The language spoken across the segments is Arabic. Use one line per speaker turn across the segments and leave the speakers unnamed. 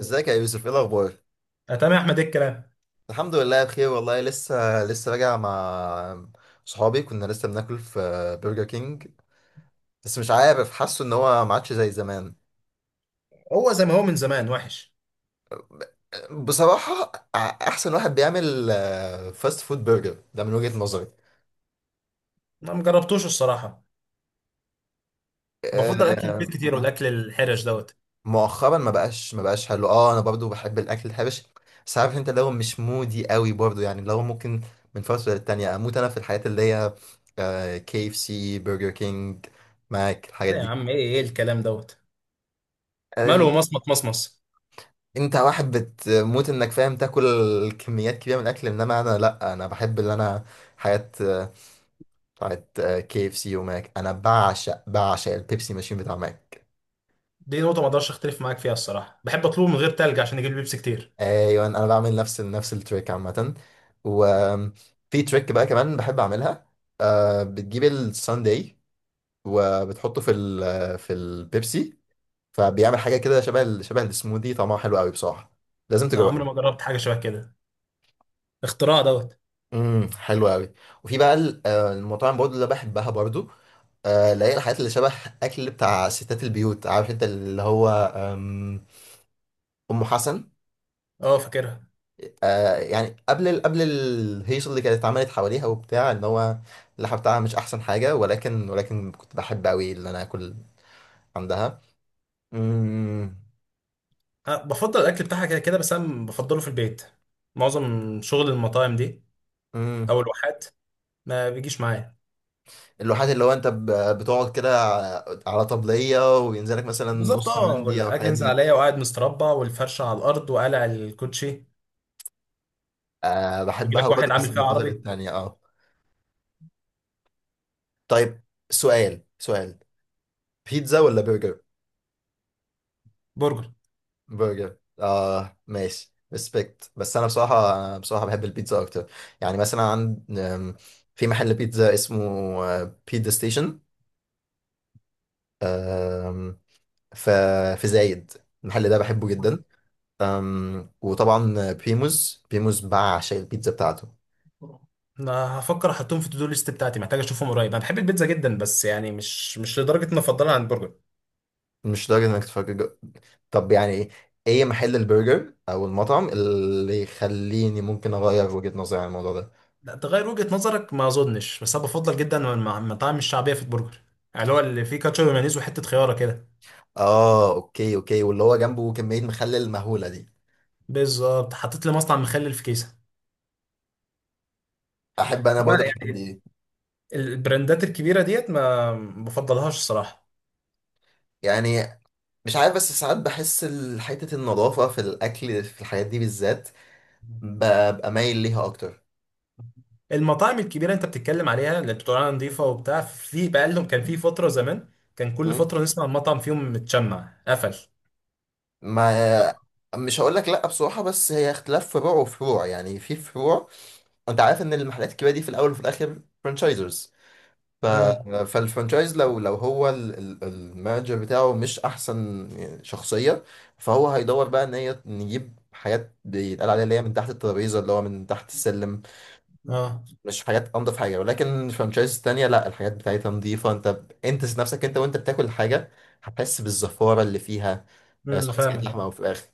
ازيك يا يوسف، ايه الاخبار؟
آه، تمام يا احمد، ايه الكلام؟
الحمد لله بخير والله. لسه راجع مع صحابي، كنا لسه بناكل في برجر كينج. بس مش عارف، حاسه ان هو ما عادش زي زمان.
هو زي ما هو من زمان وحش.
بصراحة، ع- احسن واحد بيعمل فاست فود برجر ده من وجهة نظري.
انا ما جربتوش الصراحه.
آه،
بفضل اكل البيت كتير
م-
والاكل الحرش دوت.
مؤخرا ما بقاش حلو. اه، انا برضو بحب الاكل الحبش، بس عارف انت، لو مش مودي قوي برضو، يعني لو ممكن من فترة للتانية اموت انا في الحاجات اللي هي كي اف سي، برجر كينج، ماك، الحاجات
لا يا
دي.
عم، ايه الكلام دوت؟ ماله
أن-
مصمت مصمص.
انت واحد بتموت انك فاهم تاكل كميات كبيره من الاكل، انما انا لا، انا بحب اللي انا حاجات بتاعت كي اف سي وماك. انا بعشق البيبسي ماشين بتاع ماك.
دي نقطه ما اقدرش اختلف معاك فيها الصراحه. بحب اطلبه من غير تلج عشان يجيب لي بيبسي كتير.
ايوه، انا بعمل نفس التريك عامه. وفي تريك بقى كمان بحب اعملها، بتجيب الساندي وبتحطه في البيبسي، فبيعمل حاجه كده شبه السموذي، طعمها حلو قوي بصراحه، لازم
انا عمري ما
تجربه.
جربت حاجه شبه كده. اختراع دوت.
حلو قوي. وفي بقى المطاعم برضو اللي بحبها برضو، اللي هي الحاجات اللي شبه اكل بتاع ستات البيوت، عارف انت، اللي هو آم، ام حسن.
اه، فاكرها.
يعني قبل قبل الهيصه اللي كانت اتعملت حواليها وبتاع، ان هو اللحمه بتاعها مش احسن حاجه، ولكن كنت بحب قوي ان انا اكل عندها. امم
أه، بفضل الاكل بتاعها كده كده، بس انا بفضله في البيت. معظم شغل المطاعم دي
امم
او الواحات ما بيجيش معايا.
اللوحات اللي هو انت بتقعد كده على طبليه وينزلك مثلا
بالظبط
نص
اه،
مندي او
ولا اجي
الحاجات
ينزل
دي.
عليا وقاعد مستربع والفرشه على الارض وقالع الكوتشي.
أه
يجي
بحبها
لك واحد
برضه،
عامل
بس من
فيها
الفترة
عربي.
للتانية، اه. طيب، سؤال: بيتزا ولا برجر؟
برجر.
برجر، اه ماشي، ريسبكت. بس انا بصراحه، بحب البيتزا اكتر. يعني مثلا عند، في محل بيتزا اسمه بيتزا ستيشن، ف في زايد. المحل ده بحبه جدا. وطبعا بريموز بعشق البيتزا بتاعته.
آه. انا هفكر احطهم في التو ليست بتاعتي. محتاج اشوفهم قريب. انا بحب البيتزا جدا بس يعني مش لدرجه اني افضلها عن البرجر.
مش لدرجه انك تفكر طب يعني ايه، ايه محل البرجر او المطعم اللي يخليني ممكن اغير وجهة نظري عن الموضوع ده؟
لا، تغير وجهه نظرك ما اظنش. بس انا بفضل جدا المطاعم الشعبيه في البرجر. يعني اللي هو اللي فيه كاتشب ومايونيز وحته خياره كده.
اه اوكي اوكي، واللي هو جنبه كمية مخلل مهولة دي.
بالظبط. حطيت لي مصنع مخلل في كيسه.
احب انا
لا،
برضه الحاجات
يعني
دي.
البراندات الكبيره ديت ما بفضلهاش الصراحه.
يعني مش عارف، بس ساعات بحس حتة النظافة في الاكل في الحاجات دي بالذات ببقى مايل ليها اكتر.
المطاعم الكبيره انت بتتكلم عليها، اللي بتقول عليها نظيفه وبتاع، في بقى لهم كان في فتره زمان كان كل
مم.
فتره نسمع المطعم فيهم متشمع قفل.
ما مش هقول لك لا بصراحة، بس هي اختلاف فروع وفروع، يعني في فروع. انت عارف ان المحلات الكبيرة دي في الاول وفي الاخر فرانشايزرز. ف...
امم.
فالفرانشايز لو هو المانجر بتاعه مش احسن شخصيه، فهو هيدور بقى ان هي نجيب حاجات بيتقال عليها اللي هي من تحت الترابيزه، اللي هو من تحت السلم.
اه.
مش حاجات انضف حاجه، ولكن الفرانشايز التانيه لا، الحاجات بتاعتها نظيفه، انت ذات نفسك، انت وانت بتاكل الحاجه هتحس بالزفاره اللي فيها،
امم، انا
سواء إذا كانت
فاهمك.
لحمه او فراخ.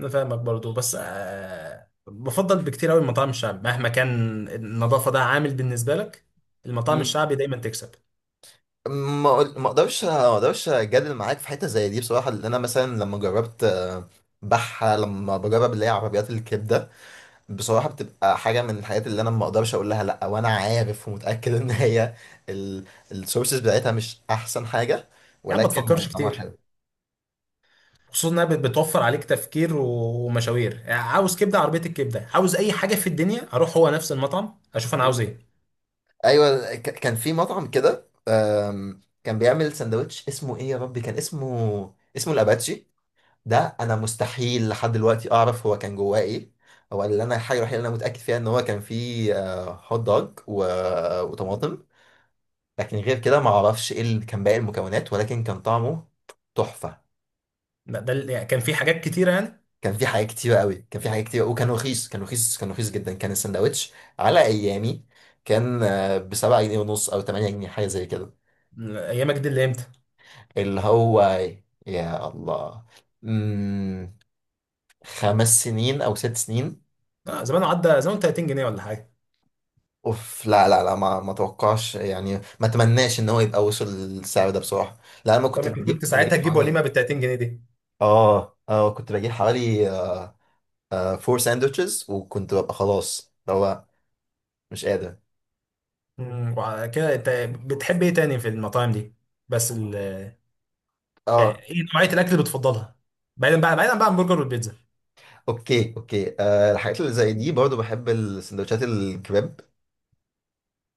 انا فاهمك برضو، بس بفضل بكتير قوي المطاعم الشعبي مهما كان. النظافه ده عامل بالنسبه لك. المطاعم
مم.
الشعبي دايما تكسب.
ما اقدرش اجادل معاك في حته زي دي بصراحه، لان انا مثلا لما جربت، آه، بحه لما بجرب اللي هي عربيات الكبده، بصراحة بتبقى حاجة من الحاجات اللي أنا ما أقدرش أقول لها لأ، وأنا عارف ومتأكد إن هي السورسز بتاعتها مش أحسن حاجة،
يا عم، ما
ولكن
تفكرش
طعمها
كتير.
حلو.
خصوصا انها بتوفر عليك تفكير ومشاوير. يعني عاوز كبده عربيه، الكبده. عاوز اي حاجه في الدنيا، اروح هو نفس المطعم اشوف انا عاوز
مم.
ايه.
أيوة، كان في مطعم كده كان بيعمل سندوتش اسمه إيه يا ربي، كان اسمه الأباتشي. ده أنا مستحيل لحد دلوقتي أعرف هو كان جواه إيه. هو اللي أنا الحاجة الوحيدة اللي أنا متأكد فيها إن هو كان فيه، هوت دوج وطماطم، لكن غير كده ما أعرفش إيه اللي كان باقي المكونات، ولكن كان طعمه تحفة.
ده يعني كان في حاجات كتيره يعني.
كان في حاجات كتيرة قوي، كان في حاجات كتيرة، وكان رخيص، كان رخيص، كان رخيص جدا. كان السندوتش على أيامي كان بـ7.5 جنيه أو 8 جنيه، حاجة زي كده.
ايامك دي اللي امتى؟
اللي هو يا الله، مم... 5 سنين أو 6 سنين.
آه، زمان عدى زمان 30 جنيه ولا حاجه.
اوف لا لا لا، ما اتوقعش يعني، ما اتمناش ان هو يبقى وصل للسعر ده بصراحه. لا انا ما
طب
كنت
انت
بجيب،
كنت
كنت
ساعتها
بجيب
تجيب
حوالي.
وليمه بال 30 جنيه دي؟
اه اه، كنت بجيب حوالي 4 ساندوتشز، وكنت ببقى خلاص اللي هو مش قادر.
وعلى كده انت بتحب ايه تاني في المطاعم دي؟ بس ال...
اه
يعني ايه نوعية الاكل اللي بتفضلها؟ بعيدا بقى بعيدا بقى عن البرجر والبيتزا.
اوكي اوكي، الحاجات اللي زي دي برضو بحب السندوتشات الكباب،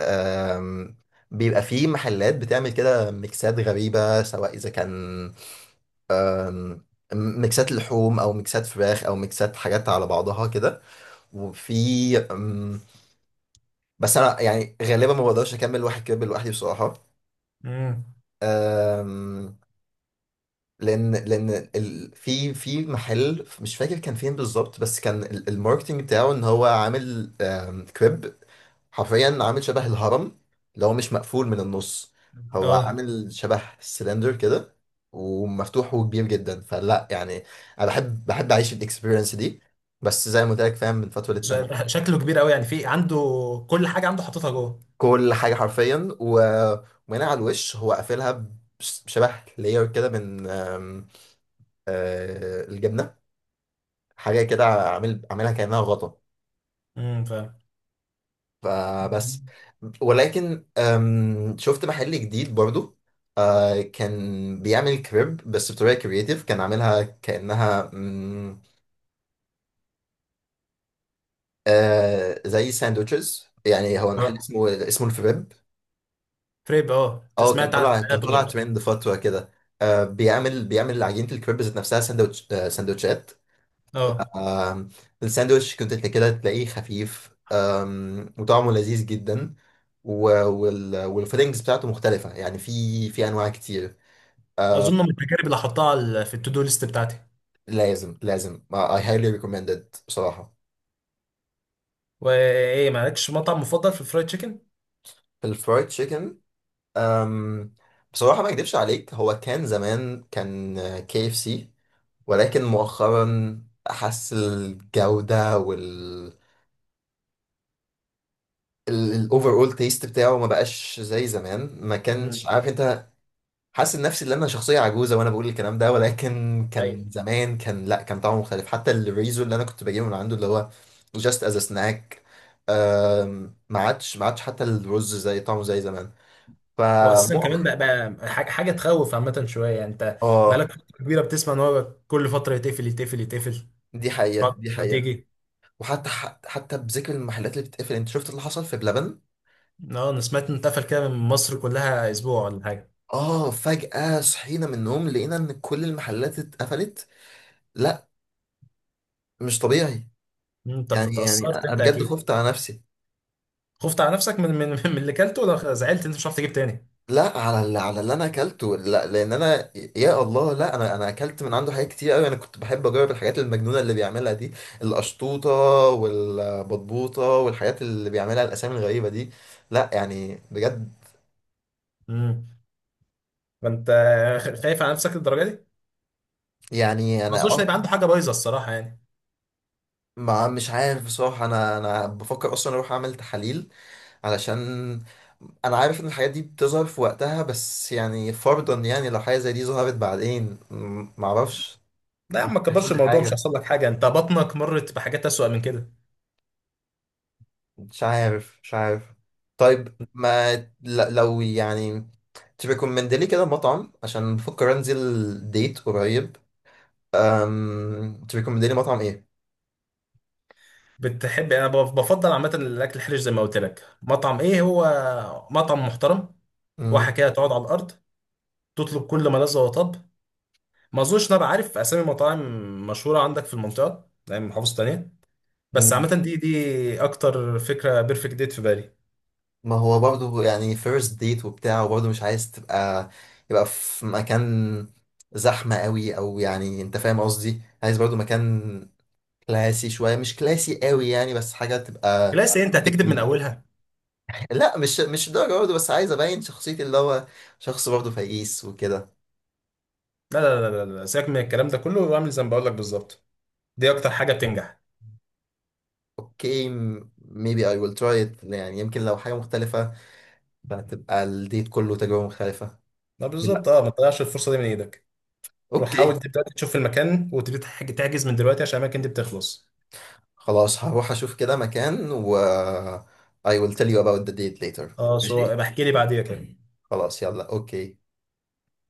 آم، بيبقى في محلات بتعمل كده ميكسات غريبة، سواء إذا كان آم، ميكسات لحوم أو ميكسات فراخ أو ميكسات حاجات على بعضها كده. وفي بس أنا يعني غالبا ما بقدرش أكمل واحد كباب لوحدي بصراحة.
امم.
آم، لأن في محل مش فاكر كان فين بالظبط، بس كان الماركتينج بتاعه إن هو عامل، كريب حرفيا عامل شبه الهرم لو مش مقفول من النص، هو
اه.
عامل شبه سلندر كده، ومفتوح وكبير جدا، فلا يعني انا بحب اعيش الاكسبيرينس دي، بس زي ما قلت لك، فاهم، من فتره للتانيه.
شكله كبير قوي يعني، في عنده كل حاجة عنده حاططها جوه.
كل حاجه حرفيا ومن على الوش هو قافلها، بشبه لاير كده من، آم، آه، الجبنه، حاجه كده، عاملها كانها غطا،
امم، فاهم.
فبس. ولكن شفت محل جديد برضو، كان بيعمل كريب بس بطريقة كرياتيف، كان عاملها كأنها، زي ساندوتشز، يعني هو المحل
اه،
اسمه الفريب.
فريب. اه، انت
اه، كان
سمعت عن
طلع، كان
حياته
طلع
برضه.
ترند فترة كده، بيعمل عجينة الكريب ذات نفسها ساندوتش، ساندوتشات،
اه.
آم، الساندوتش كنت كده تلاقيه خفيف، وطعمه لذيذ جدا، والفيلينجز بتاعته مختلفة، يعني في أنواع كتير.
اظن من التجارب اللي هحطها في التو دو ليست بتاعتي.
لازم لازم I highly recommend it بصراحة.
وايه؟ مالكش مطعم مفضل في الفرايد تشيكن؟
في الفرايد تشيكن، أم بصراحة ما أكدبش عليك، هو كان زمان كان كي اف سي، ولكن مؤخرا أحس الجودة الأوفر أول تيست بتاعه ما بقاش زي زمان، ما كانش
امم.
عارف أنت. حاسس نفسي ان انا شخصيه عجوزه وانا بقول الكلام ده، ولكن كان زمان كان لا، كان طعمه مختلف، حتى الريزو اللي انا كنت بجيبه من عنده اللي هو جاست از سناك، ما عادش حتى الرز زي طعمه زي زمان.
هو اساسا كمان
فمؤخ
بقى، حاجه تخوف عامه شويه، يعني انت
اه،
بقالك فتره كبيره بتسمع ان هو كل فتره يتقفل يتقفل يتقفل،
دي حقيقه،
فتره
دي حقيقه.
وتيجي.
وحتى حتى بذكر المحلات اللي بتقفل، انت شفت اللي حصل في بلبن؟
اه، انا سمعت ان اتقفل كده من مصر كلها اسبوع ولا حاجه.
اه، فجأة صحينا من النوم لقينا ان كل المحلات اتقفلت، لا، مش طبيعي.
انت
يعني
اتاثرت
انا
انت
بجد
اكيد.
خفت على نفسي.
خفت على نفسك من اللي كلته ولا زعلت انت مش هتعرف تجيب تاني؟
لا، على اللي، انا اكلته، لا لان انا يا الله، لا انا اكلت من عنده حاجات كتير قوي، انا كنت بحب اجرب الحاجات المجنونه اللي بيعملها دي: القشطوطه والبطبوطه والحاجات اللي بيعملها، الاسامي الغريبه دي. لا يعني بجد،
امم، فانت خايف على نفسك للدرجه دي؟
يعني
ما
انا
اظنش
اه.
ان يبقى عنده حاجه بايظه الصراحه يعني.
ما مش عارف بصراحه، انا بفكر اصلا اروح اعمل تحاليل علشان انا عارف ان الحاجات دي بتظهر في وقتها، بس يعني فرضا يعني لو حاجه زي دي ظهرت بعدين، معرفش.
لا يا عم،
ممكن
ما
يحصل
تكبرش
لي
الموضوع. مش
حاجه،
هيحصل لك حاجه. انت بطنك مرت بحاجات اسوأ من كده.
مش عارف، مش عارف. طيب، ما ل- لو يعني تريكومند لي كده مطعم، عشان بفكر انزل ديت قريب. تريكومند لي مطعم ايه؟
بتحب يعني، انا بفضل عامه الاكل الحرش زي ما قلت لك. مطعم ايه هو؟ مطعم محترم، واحه
مم.
كده، تقعد على الارض، تطلب كل ما لذ وطب. ما اظنش إن انا بعرف اسامي مطاعم مشهوره عندك في المنطقه يعني من محافظه تانيه، بس
مم.
عامه دي اكتر فكره بيرفكت ديت في بالي.
ما هو برضه يعني فيرست ديت وبتاع، وبرضه مش عايز تبقى، يبقى في مكان زحمة قوي او، يعني انت فاهم قصدي، عايز برضه مكان كلاسي شوية، مش كلاسي قوي يعني، بس حاجة تبقى.
لا، أصل إيه، انت هتكذب من اولها.
لا، مش الدرجة برضه، بس عايز أبين شخصيتي اللي هو شخص برضه فقيس وكده.
لا لا لا لا لا، سيبك من الكلام ده كله واعمل زي ما بقول لك بالظبط. دي اكتر حاجه بتنجح.
اوكي، maybe I will try it، يعني يمكن لو حاجة مختلفة فهتبقى الديت كله تجربة مختلفة.
لا،
لا،
بالظبط اه، ما تضيعش الفرصه دي من ايدك. روح
اوكي،
حاول دلوقتي تشوف المكان وتبتدي تحجز من دلوقتي، عشان الاماكن دي بتخلص.
خلاص، هروح أشوف كده مكان و I will tell you about the date later.
اه،
ماشي،
سو بحكي لي بعديها كده.
خلاص، يلا، اوكي.